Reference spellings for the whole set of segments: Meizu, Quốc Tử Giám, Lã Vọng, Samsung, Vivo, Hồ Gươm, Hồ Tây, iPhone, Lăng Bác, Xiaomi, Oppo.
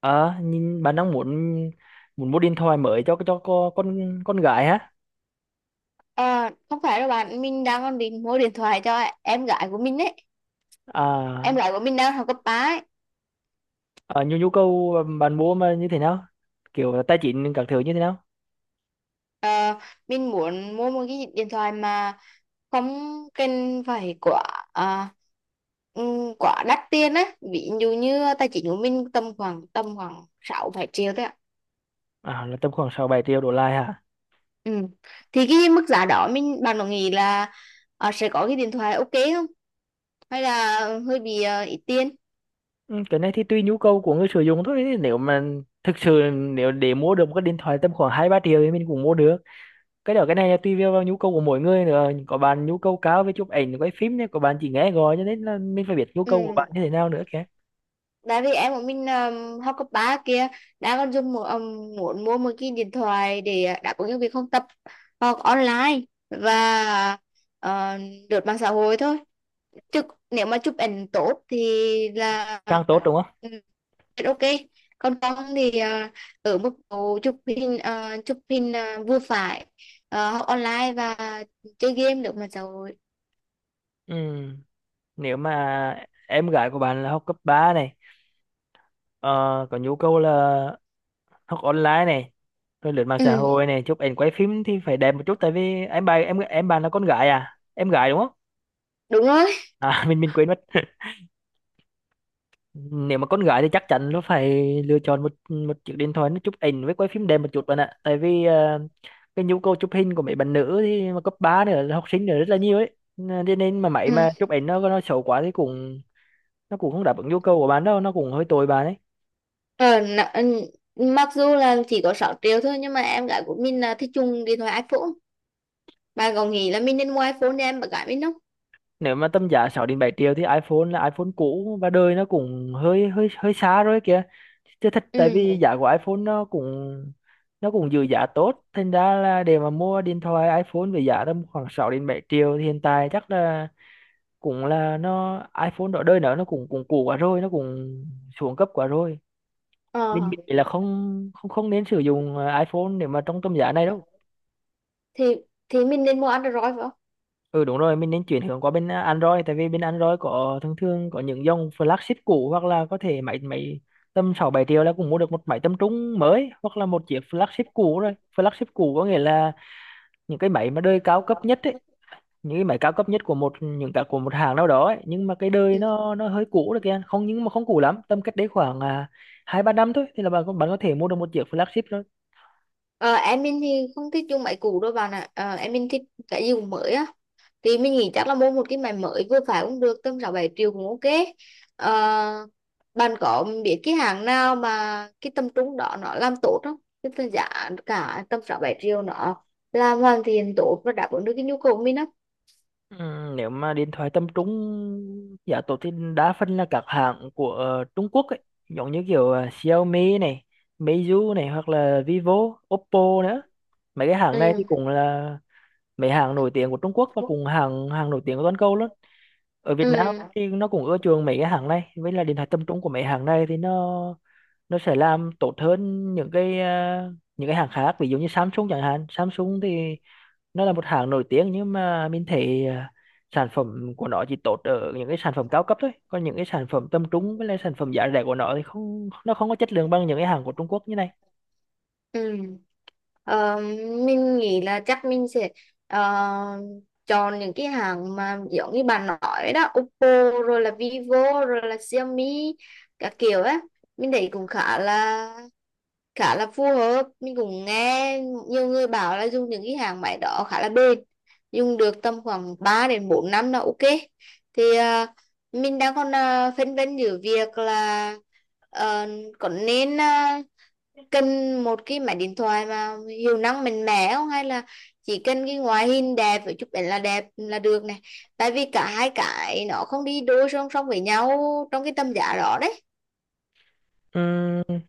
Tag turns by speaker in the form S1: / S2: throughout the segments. S1: Nhìn bạn đang muốn muốn mua điện thoại mới cho con gái hả?
S2: Ờ, không phải đâu bạn, mình đang còn định mua điện thoại cho em gái của mình ấy. Em
S1: à,
S2: gái của mình đang học cấp 3 ấy.
S1: nhu nhu cầu bạn mua mà như thế nào, kiểu là tài chính các thứ như thế nào?
S2: Ờ, mình muốn mua một cái điện thoại mà không cần phải à, quá đắt tiền á. Ví dụ như tài chính của mình tầm khoảng 6 7 triệu thôi ạ.
S1: Là tầm khoảng sáu bảy triệu đổ lại hả?
S2: Ừ. Thì cái mức giá đó mình bạn có nghĩ là sẽ có cái điện thoại ok không? Hay là hơi bị ít tiền?
S1: Ừ, cái này thì tùy nhu cầu của người sử dụng thôi. Nếu mà thực sự nếu để mua được một cái điện thoại tầm khoảng hai ba triệu thì mình cũng mua được. Cái đó, cái này là tùy vào vào nhu cầu của mỗi người nữa. Có bạn nhu cầu cao về chụp ảnh quay phim, có bạn chỉ nghe gọi, cho nên là mình phải biết nhu cầu của
S2: Ừ.
S1: bạn như thế nào nữa kìa.
S2: Tại vì em của mình học cấp 3 kia đã còn dùng một muốn mua một cái điện thoại để đáp ứng những việc học tập, học online và ờ, lướt mạng xã hội thôi, chứ nếu mà chụp ảnh tốt thì là
S1: Càng tốt đúng không?
S2: ừ, ok. Còn con thì ở mức độ chụp hình vừa phải, học online và chơi game lướt mạng xã hội.
S1: Ừ, nếu mà em gái của bạn là học cấp 3 này, ờ, có nhu cầu là học online này, rồi lướt mạng xã
S2: Ừ,
S1: hội này, chụp ảnh quay phim thì phải đẹp một chút, tại vì em bạn em bạn là con gái, à, em gái đúng không?
S2: đúng rồi.
S1: À, mình quên mất. Nếu mà con gái thì chắc chắn nó phải lựa chọn một một chiếc điện thoại nó chụp ảnh với quay phim đẹp một chút, bạn ạ. Tại vì cái nhu cầu chụp hình của mấy bạn nữ thì mà cấp 3 nữa, là học sinh nữa, rất là nhiều ấy, nên nên mà máy
S2: Ừ.
S1: mà chụp ảnh nó xấu quá thì cũng, nó cũng không đáp ứng nhu cầu của bạn đâu, nó cũng hơi tồi bạn ấy.
S2: Ờ, mặc dù là chỉ có 6 triệu thôi nhưng mà em gái của mình là thích dùng điện thoại iPhone. Bà có nghĩ là mình nên mua iPhone để em bạn gái mình không?
S1: Nếu mà tầm giá 6 đến 7 triệu thì iPhone là iPhone cũ, và đời nó cũng hơi hơi hơi xa rồi kìa, chứ thật. Tại vì
S2: Ừ.
S1: giá của iPhone nó cũng giữ giá tốt, thành ra là để mà mua điện thoại iPhone với giá tầm khoảng 6 đến 7 triệu thì hiện tại chắc là cũng là nó, iPhone đó đời nó cũng cũng cũ quá rồi, nó cũng xuống cấp quá rồi. Mình
S2: ờ,
S1: nghĩ là không không không nên sử dụng iPhone để mà trong tầm giá này đâu.
S2: thì thì mình nên mua Android phải không?
S1: Ừ đúng rồi, mình nên chuyển hướng qua bên Android, tại vì bên Android có thường thường có những dòng flagship cũ, hoặc là có thể máy máy tầm 6 7 triệu là cũng mua được một máy tầm trung mới, hoặc là một chiếc flagship cũ rồi. Flagship cũ có nghĩa là những cái máy mà đời cao cấp nhất ấy, những cái máy cao cấp nhất của một, những cả của một hãng nào đó ấy. Nhưng mà cái đời
S2: Ừ.
S1: nó hơi cũ rồi kìa, không, nhưng mà không cũ lắm, tầm cách đấy khoảng hai ba năm thôi, thì là bạn có thể mua được một chiếc flagship.
S2: Ờ, em mình thì không thích dùng máy cũ đâu bà nè. Ờ, em mình thích cái gì cũng mới á. Thì mình nghĩ chắc là mua một cái máy mới vừa phải cũng được, tầm 6-7 triệu cũng ok. Ờ, bạn có biết cái hàng nào mà cái tầm trung đó nó làm tốt không? Cái tầm giá cả tầm 6-7 triệu nó làm hoàn thiện tốt và đáp ứng được cái nhu cầu của mình không?
S1: Ừ, nếu mà điện thoại tầm trung giá tốt thì đa phần là các hãng của Trung Quốc ấy, giống như kiểu Xiaomi này, Meizu này, hoặc là Vivo, Oppo nữa. Mấy cái hãng này thì
S2: Ừ.
S1: cũng là mấy hãng nổi tiếng của Trung Quốc, và cũng hàng hàng nổi tiếng của toàn cầu luôn. Ở Việt Nam
S2: Ừ.
S1: thì nó cũng ưa chuộng mấy cái hãng này, với là điện thoại tầm trung của mấy hãng này thì nó sẽ làm tốt hơn những cái, những cái hãng khác, ví dụ như Samsung chẳng hạn. Samsung thì nó là một hãng nổi tiếng nhưng mà mình thấy sản phẩm của nó chỉ tốt ở những cái sản phẩm cao cấp thôi, còn những cái sản phẩm tầm trung với lại sản phẩm giá rẻ của nó thì không, nó không có chất lượng bằng những cái hàng của Trung Quốc như này.
S2: Ừ. Ờ, mình nghĩ là chắc mình sẽ ờ, chọn những cái hàng mà giống như bạn nói đó: Oppo rồi là Vivo rồi là Xiaomi các kiểu á. Mình thấy cũng khá là phù hợp. Mình cũng nghe nhiều người bảo là dùng những cái hàng máy đó khá là bền, dùng được tầm khoảng 3 đến 4 năm là ok. Thì mình đang còn phân vân giữa việc là ờ, có nên cần một cái máy điện thoại mà hiệu năng mạnh mẽ không, hay là chỉ cần cái ngoại hình đẹp với chụp ảnh là đẹp là được này. Tại vì cả hai cái nó không đi đôi song song với nhau trong cái tầm giá đó đấy.
S1: Ừm,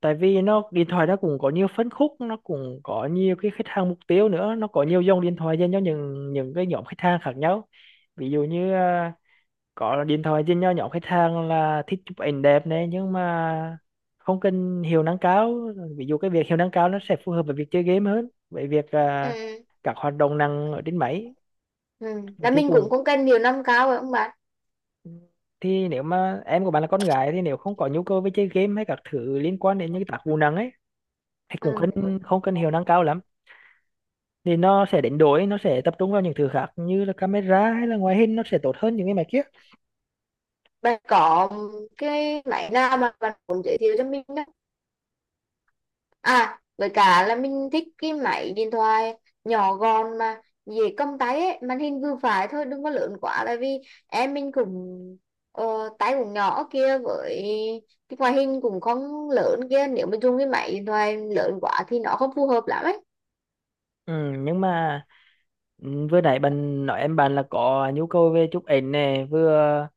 S1: tại vì nó điện thoại nó cũng có nhiều phân khúc, nó cũng có nhiều cái khách hàng mục tiêu nữa, nó có nhiều dòng điện thoại dành cho những cái nhóm khách hàng khác nhau. Ví dụ như có điện thoại trên nho nhỏ, khách hàng là thích chụp ảnh đẹp này nhưng mà không cần hiệu năng cao. Ví dụ cái việc hiệu năng cao nó sẽ phù hợp với việc chơi game hơn, với việc
S2: Ừ.
S1: các hoạt động năng ở trên máy.
S2: Ừ. Là
S1: Thì
S2: mình cũng
S1: cũng,
S2: không cần nhiều năm cao rồi không bạn.
S1: thì nếu mà em của bạn là con gái thì nếu không có nhu cầu với chơi game hay các thứ liên quan đến những cái tác vụ nặng ấy thì cũng không,
S2: Ừ.
S1: không cần hiệu năng cao lắm, thì nó sẽ đánh đổi, nó sẽ tập trung vào những thứ khác như là camera hay là ngoại hình, nó sẽ tốt hơn những cái máy kia.
S2: Bạn có cái máy nào mà bạn muốn giới thiệu cho mình? À, với cả là mình thích cái máy điện thoại nhỏ gọn mà dễ cầm tay ấy, màn hình vừa phải thôi, đừng có lớn quá. Tại vì em mình cũng ờ, tay cũng nhỏ kia, với cái ngoại hình cũng không lớn kia, nếu mà dùng cái máy điện thoại lớn quá thì nó không phù hợp lắm ấy.
S1: Ừ, nhưng mà ừ, vừa nãy bạn nói em bạn là có nhu cầu về chụp ảnh này, vừa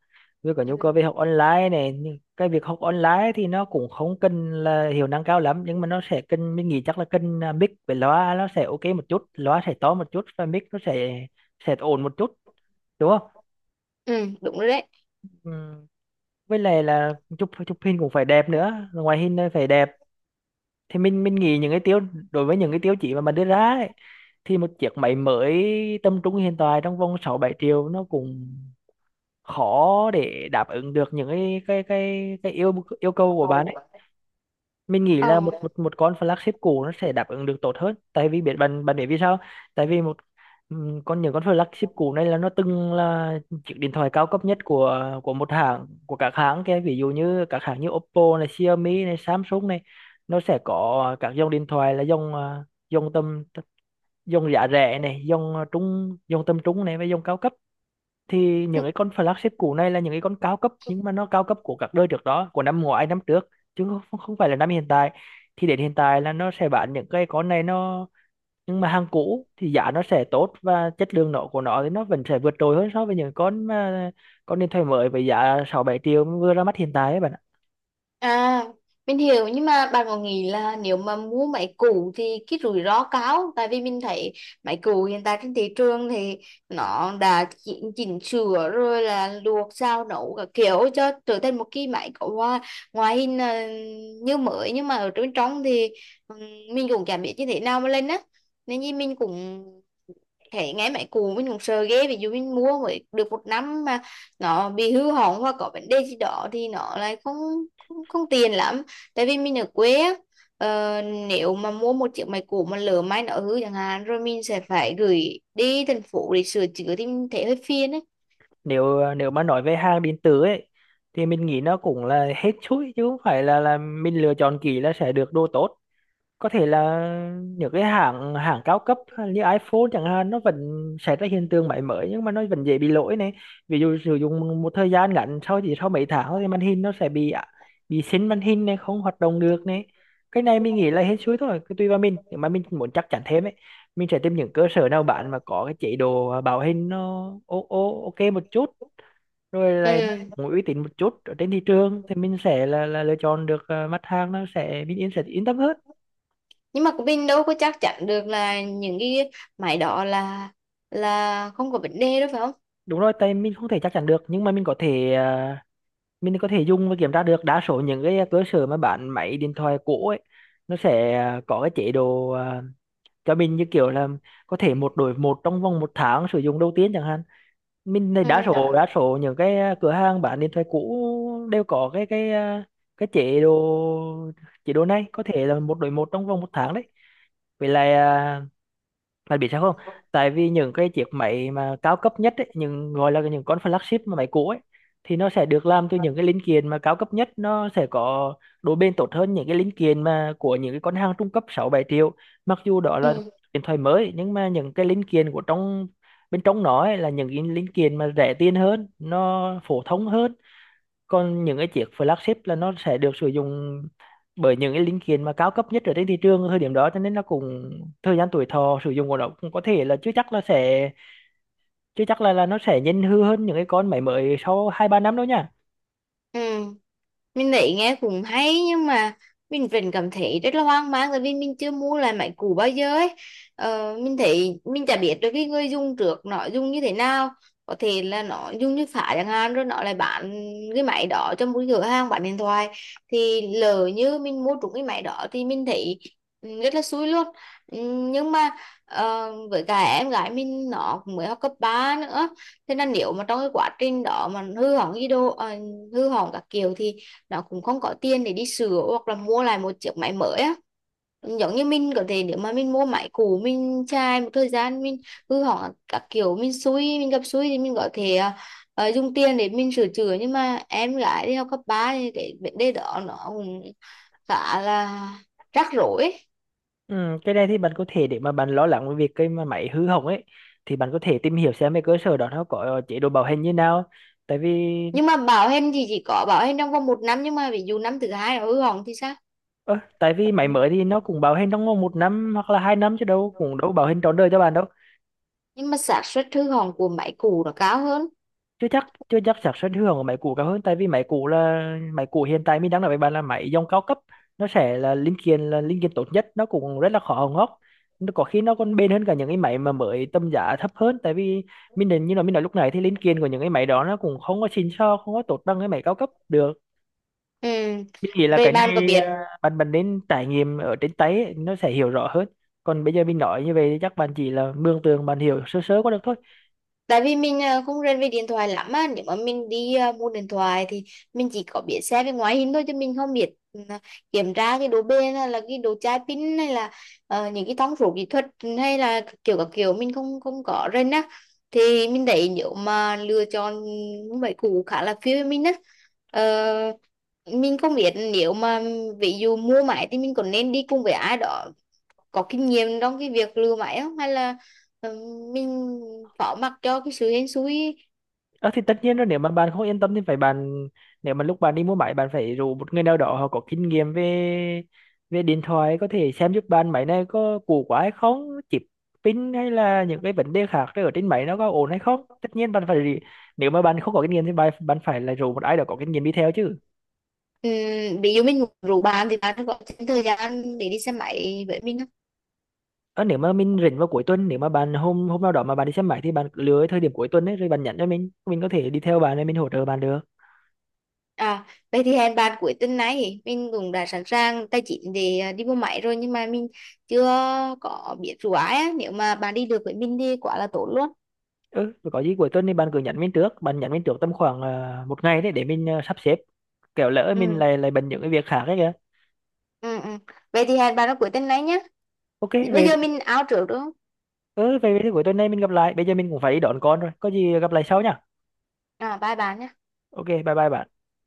S1: vừa có nhu cầu về
S2: Ừ.
S1: học online này. Nhưng cái việc học online thì nó cũng không cần là hiệu năng cao lắm, nhưng mà nó sẽ cần, mình nghĩ chắc là cần mic với loa nó sẽ ok một chút, loa sẽ to một chút và mic nó sẽ ổn một chút, đúng không?
S2: Ừ, đúng rồi đấy.
S1: Ừ. Với lại là chụp chụp hình cũng phải đẹp nữa, ngoại hình nó phải đẹp. Thì mình nghĩ những cái tiêu, đối với những cái tiêu chí mà mình đưa ra ấy, thì một chiếc máy mới tầm trung hiện tại trong vòng 6 7 triệu nó cũng khó để đáp ứng được những cái yêu yêu cầu của bạn. Mình nghĩ là
S2: Ờ.
S1: một một một con flagship cũ nó sẽ đáp ứng được tốt hơn. Tại vì biết bạn bạn biết vì sao? Tại vì một con, những con flagship cũ này là nó từng là chiếc điện thoại cao cấp nhất của, một hãng, của các hãng kia, ví dụ như các hãng như Oppo này, Xiaomi này, Samsung này. Nó sẽ có các dòng điện thoại là dòng dòng tầm, dòng giá rẻ này, dòng trung, dòng tầm trung này, và dòng cao cấp. Thì những cái con flagship cũ này là những cái con cao cấp, nhưng mà nó cao cấp của các đời trước đó, của năm ngoái, năm trước, chứ không phải là năm hiện tại. Thì đến hiện tại là nó sẽ bán những cái con này nó, nhưng mà hàng cũ thì giá nó sẽ tốt, và chất lượng nó của nó thì nó vẫn sẽ vượt trội hơn so với những con mà, con điện thoại mới với giá sáu bảy triệu vừa ra mắt hiện tại ấy, bạn ạ.
S2: À, mình hiểu nhưng mà bạn có nghĩ là nếu mà mua máy cũ thì cái rủi ro cao, tại vì mình thấy máy cũ hiện tại trên thị trường thì nó đã chỉnh sửa rồi là luộc sao nấu các kiểu cho trở thành một cái máy có ngoại hình là như mới nhưng mà ở bên trong thì ừm, mình cũng chả biết như thế nào mà lên á. Nên như mình cũng, thế nghe mấy cụ mình cũng sợ ghê. Ví dụ mình mua mới được một năm mà nó bị hư hỏng hoặc có vấn đề gì đó thì nó lại không không, không tiền lắm, tại vì mình ở quê á. ờ, Nếu mà mua một chiếc máy cũ mà lỡ may nó hư chẳng hạn rồi mình sẽ phải gửi đi thành phố để sửa chữa thì mình thấy hơi phiền ấy.
S1: Nếu Nếu mà nói về hàng điện tử ấy, thì mình nghĩ nó cũng là hết chuỗi, chứ không phải là mình lựa chọn kỹ là sẽ được đồ tốt. Có thể là những cái hãng hãng cao cấp hay như iPhone chẳng hạn nó vẫn xảy ra hiện tượng máy mới nhưng mà nó vẫn dễ bị lỗi này. Ví dụ sử dụng một thời gian ngắn sau, chỉ sau mấy tháng thì màn hình nó sẽ bị bị xin màn hình này, không hoạt động được này. Cái này mình nghĩ là hết suối thôi, cứ tùy vào mình. Nếu mà mình muốn chắc chắn thêm ấy, mình sẽ tìm những cơ sở nào bạn mà có cái chế độ bảo hành nó ô ô ok một chút, rồi là nó
S2: Ừ.
S1: cũng uy tín một chút ở trên thị trường, thì mình sẽ là lựa chọn được mặt hàng, nó sẽ mình sẽ yên tâm hơn.
S2: Nhưng mà mình đâu có chắc chắn được là những cái máy đó là không có vấn đề đâu phải không?
S1: Đúng rồi, tại mình không thể chắc chắn được, nhưng mà mình có thể mình có thể dùng và kiểm tra được. Đa số những cái cơ sở mà bán máy điện thoại cũ ấy nó sẽ có cái chế độ cho mình, như kiểu là có thể một đổi một trong vòng một tháng sử dụng đầu tiên chẳng hạn. Mình này,
S2: Ừ.
S1: đa số những cái cửa hàng bán điện thoại cũ đều có cái cái chế độ này có thể là một đổi một trong vòng một tháng đấy. Vậy là, bạn biết sao không? Tại vì những cái chiếc máy mà cao cấp nhất ấy, những gọi là những con flagship mà máy cũ ấy, thì nó sẽ được làm từ những cái linh kiện mà cao cấp nhất, nó sẽ có độ bền tốt hơn những cái linh kiện mà của những cái con hàng trung cấp 6 7 triệu. Mặc dù đó là
S2: Ừ.
S1: điện thoại mới, nhưng mà những cái linh kiện của trong bên trong nó ấy, là những cái linh kiện mà rẻ tiền hơn, nó phổ thông hơn. Còn những cái chiếc flagship là nó sẽ được sử dụng bởi những cái linh kiện mà cao cấp nhất ở trên thị trường ở thời điểm đó, cho nên nó cũng thời gian tuổi thọ sử dụng của nó cũng có thể là chưa chắc là nó sẽ nhanh hư hơn những cái con máy mới sau hai ba năm đâu nha.
S2: Ừ. Mình thấy nghe cũng hay nhưng mà mình vẫn cảm thấy rất là hoang mang, tại vì mình chưa mua lại máy cũ bao giờ ấy. Ờ, mình thấy mình chả biết được cái người dùng trước nó dùng như thế nào. Có thể là nó dùng như phá chẳng hạn rồi nó lại bán cái máy đó cho một cửa hàng bán điện thoại, thì lỡ như mình mua trúng cái máy đó thì mình thấy ừ, rất là xui luôn. Ừ, nhưng mà với cả em gái mình nó cũng mới học cấp 3 nữa, thế nên nếu mà trong cái quá trình đó mà hư hỏng gì đồ hư hỏng các kiểu thì nó cũng không có tiền để đi sửa hoặc là mua lại một chiếc máy mới á. Giống như mình có thể nếu mà mình mua máy cũ mình chai một thời gian mình hư hỏng các kiểu mình xui mình gặp xui thì mình có thể dùng tiền để mình sửa chữa, nhưng mà em gái đi học cấp 3 thì cái vấn đề đó nó cũng khá là rắc rối ấy.
S1: Ừ, cái này thì bạn có thể, để mà bạn lo lắng về việc cái mà máy hư hỏng ấy thì bạn có thể tìm hiểu xem cái cơ sở đó nó có chế độ bảo hành như nào, tại vì
S2: Nhưng mà bảo hành thì chỉ có bảo hành trong vòng một năm, nhưng mà ví dụ năm thứ hai nó hư hỏng thì sao?
S1: tại vì máy mới thì nó cũng bảo hành trong vòng một năm hoặc là hai năm chứ đâu, cũng đâu bảo hành trọn đời cho bạn đâu.
S2: Nhưng mà xác suất hư hỏng của máy cũ nó cao hơn.
S1: Chưa chắc xác suất hưởng của máy cũ cao hơn. Tại vì máy cũ là, máy cũ hiện tại mình đang nói với bạn là máy dòng cao cấp, nó sẽ là linh kiện tốt nhất, nó cũng rất là khó hỏng hóc. Nó có khi nó còn bền hơn cả những cái máy mà mới tầm giá thấp hơn, tại vì mình định như là mình nói lúc này thì linh kiện của những cái máy đó nó cũng không có xịn sò, không có tốt bằng cái máy cao cấp được.
S2: Ừ.
S1: Mình nghĩ là
S2: Vậy
S1: cái
S2: bạn có
S1: này
S2: biết,
S1: bạn bạn nên trải nghiệm ở trên tay ấy, nó sẽ hiểu rõ hơn. Còn bây giờ mình nói như vậy thì chắc bạn chỉ là mường tượng, bạn hiểu sơ sơ qua được thôi.
S2: tại vì mình không rành về điện thoại lắm á, nếu mà mình đi mua điện thoại thì mình chỉ có biết xét về ngoại hình thôi chứ mình không biết kiểm tra cái độ bền hay là cái độ chai pin hay là những cái thông số kỹ thuật hay là kiểu các kiểu mình không không có rành á. Thì mình thấy nếu mà lựa chọn mấy cũ khá là phiêu với mình á. Ờ, mình không biết nếu mà ví dụ mua máy thì mình còn nên đi cùng với ai đó có kinh nghiệm trong cái việc lừa máy không, hay là ờ, mình phó mặc cho cái sự hên xui.
S1: Ờ thì tất nhiên rồi, nếu mà bạn không yên tâm thì phải bạn, nếu mà lúc bạn đi mua máy bạn phải rủ một người nào đó họ có kinh nghiệm về về điện thoại, có thể xem giúp bạn máy này có cũ quá hay không, chip, pin hay là những cái vấn đề khác ở trên máy nó có ổn hay không. Tất nhiên bạn phải, nếu mà bạn không có kinh nghiệm thì bạn bạn phải là rủ một ai đó có kinh nghiệm đi theo chứ.
S2: Ví dụ mình rủ bạn thì bạn có thêm thời gian để đi xe máy với mình không?
S1: Ờ, Nếu mà mình rảnh vào cuối tuần, nếu mà bạn hôm hôm nào đó mà bạn đi xem máy thì bạn cứ lựa cái thời điểm cuối tuần ấy, rồi bạn nhắn cho mình có thể đi theo bạn rồi mình hỗ trợ bạn được.
S2: À, vậy thì hẹn bạn cuối tuần này. Mình cũng đã sẵn sàng tài chính để đi mua máy rồi nhưng mà mình chưa có biết rủ ai á. Nếu mà bạn đi được với mình thì quá là tốt luôn.
S1: Ừ, rồi có gì cuối tuần thì bạn cứ nhắn mình trước, bạn nhắn mình trước tầm khoảng một ngày đấy, để mình sắp xếp, kẻo lỡ mình
S2: Ừ.
S1: lại lại bận những cái việc khác ấy kìa.
S2: Ừ, ừ. Vậy thì hẹn bạn vào cuối tuần này nhé.
S1: OK
S2: Bây
S1: về.
S2: giờ mình out trước đúng không?
S1: Ừ về, thì cuối tuần này mình gặp lại, bây giờ mình cũng phải đi đón con rồi, có gì gặp lại sau nhá.
S2: À, bye bạn nhé.
S1: OK, bye bye bạn.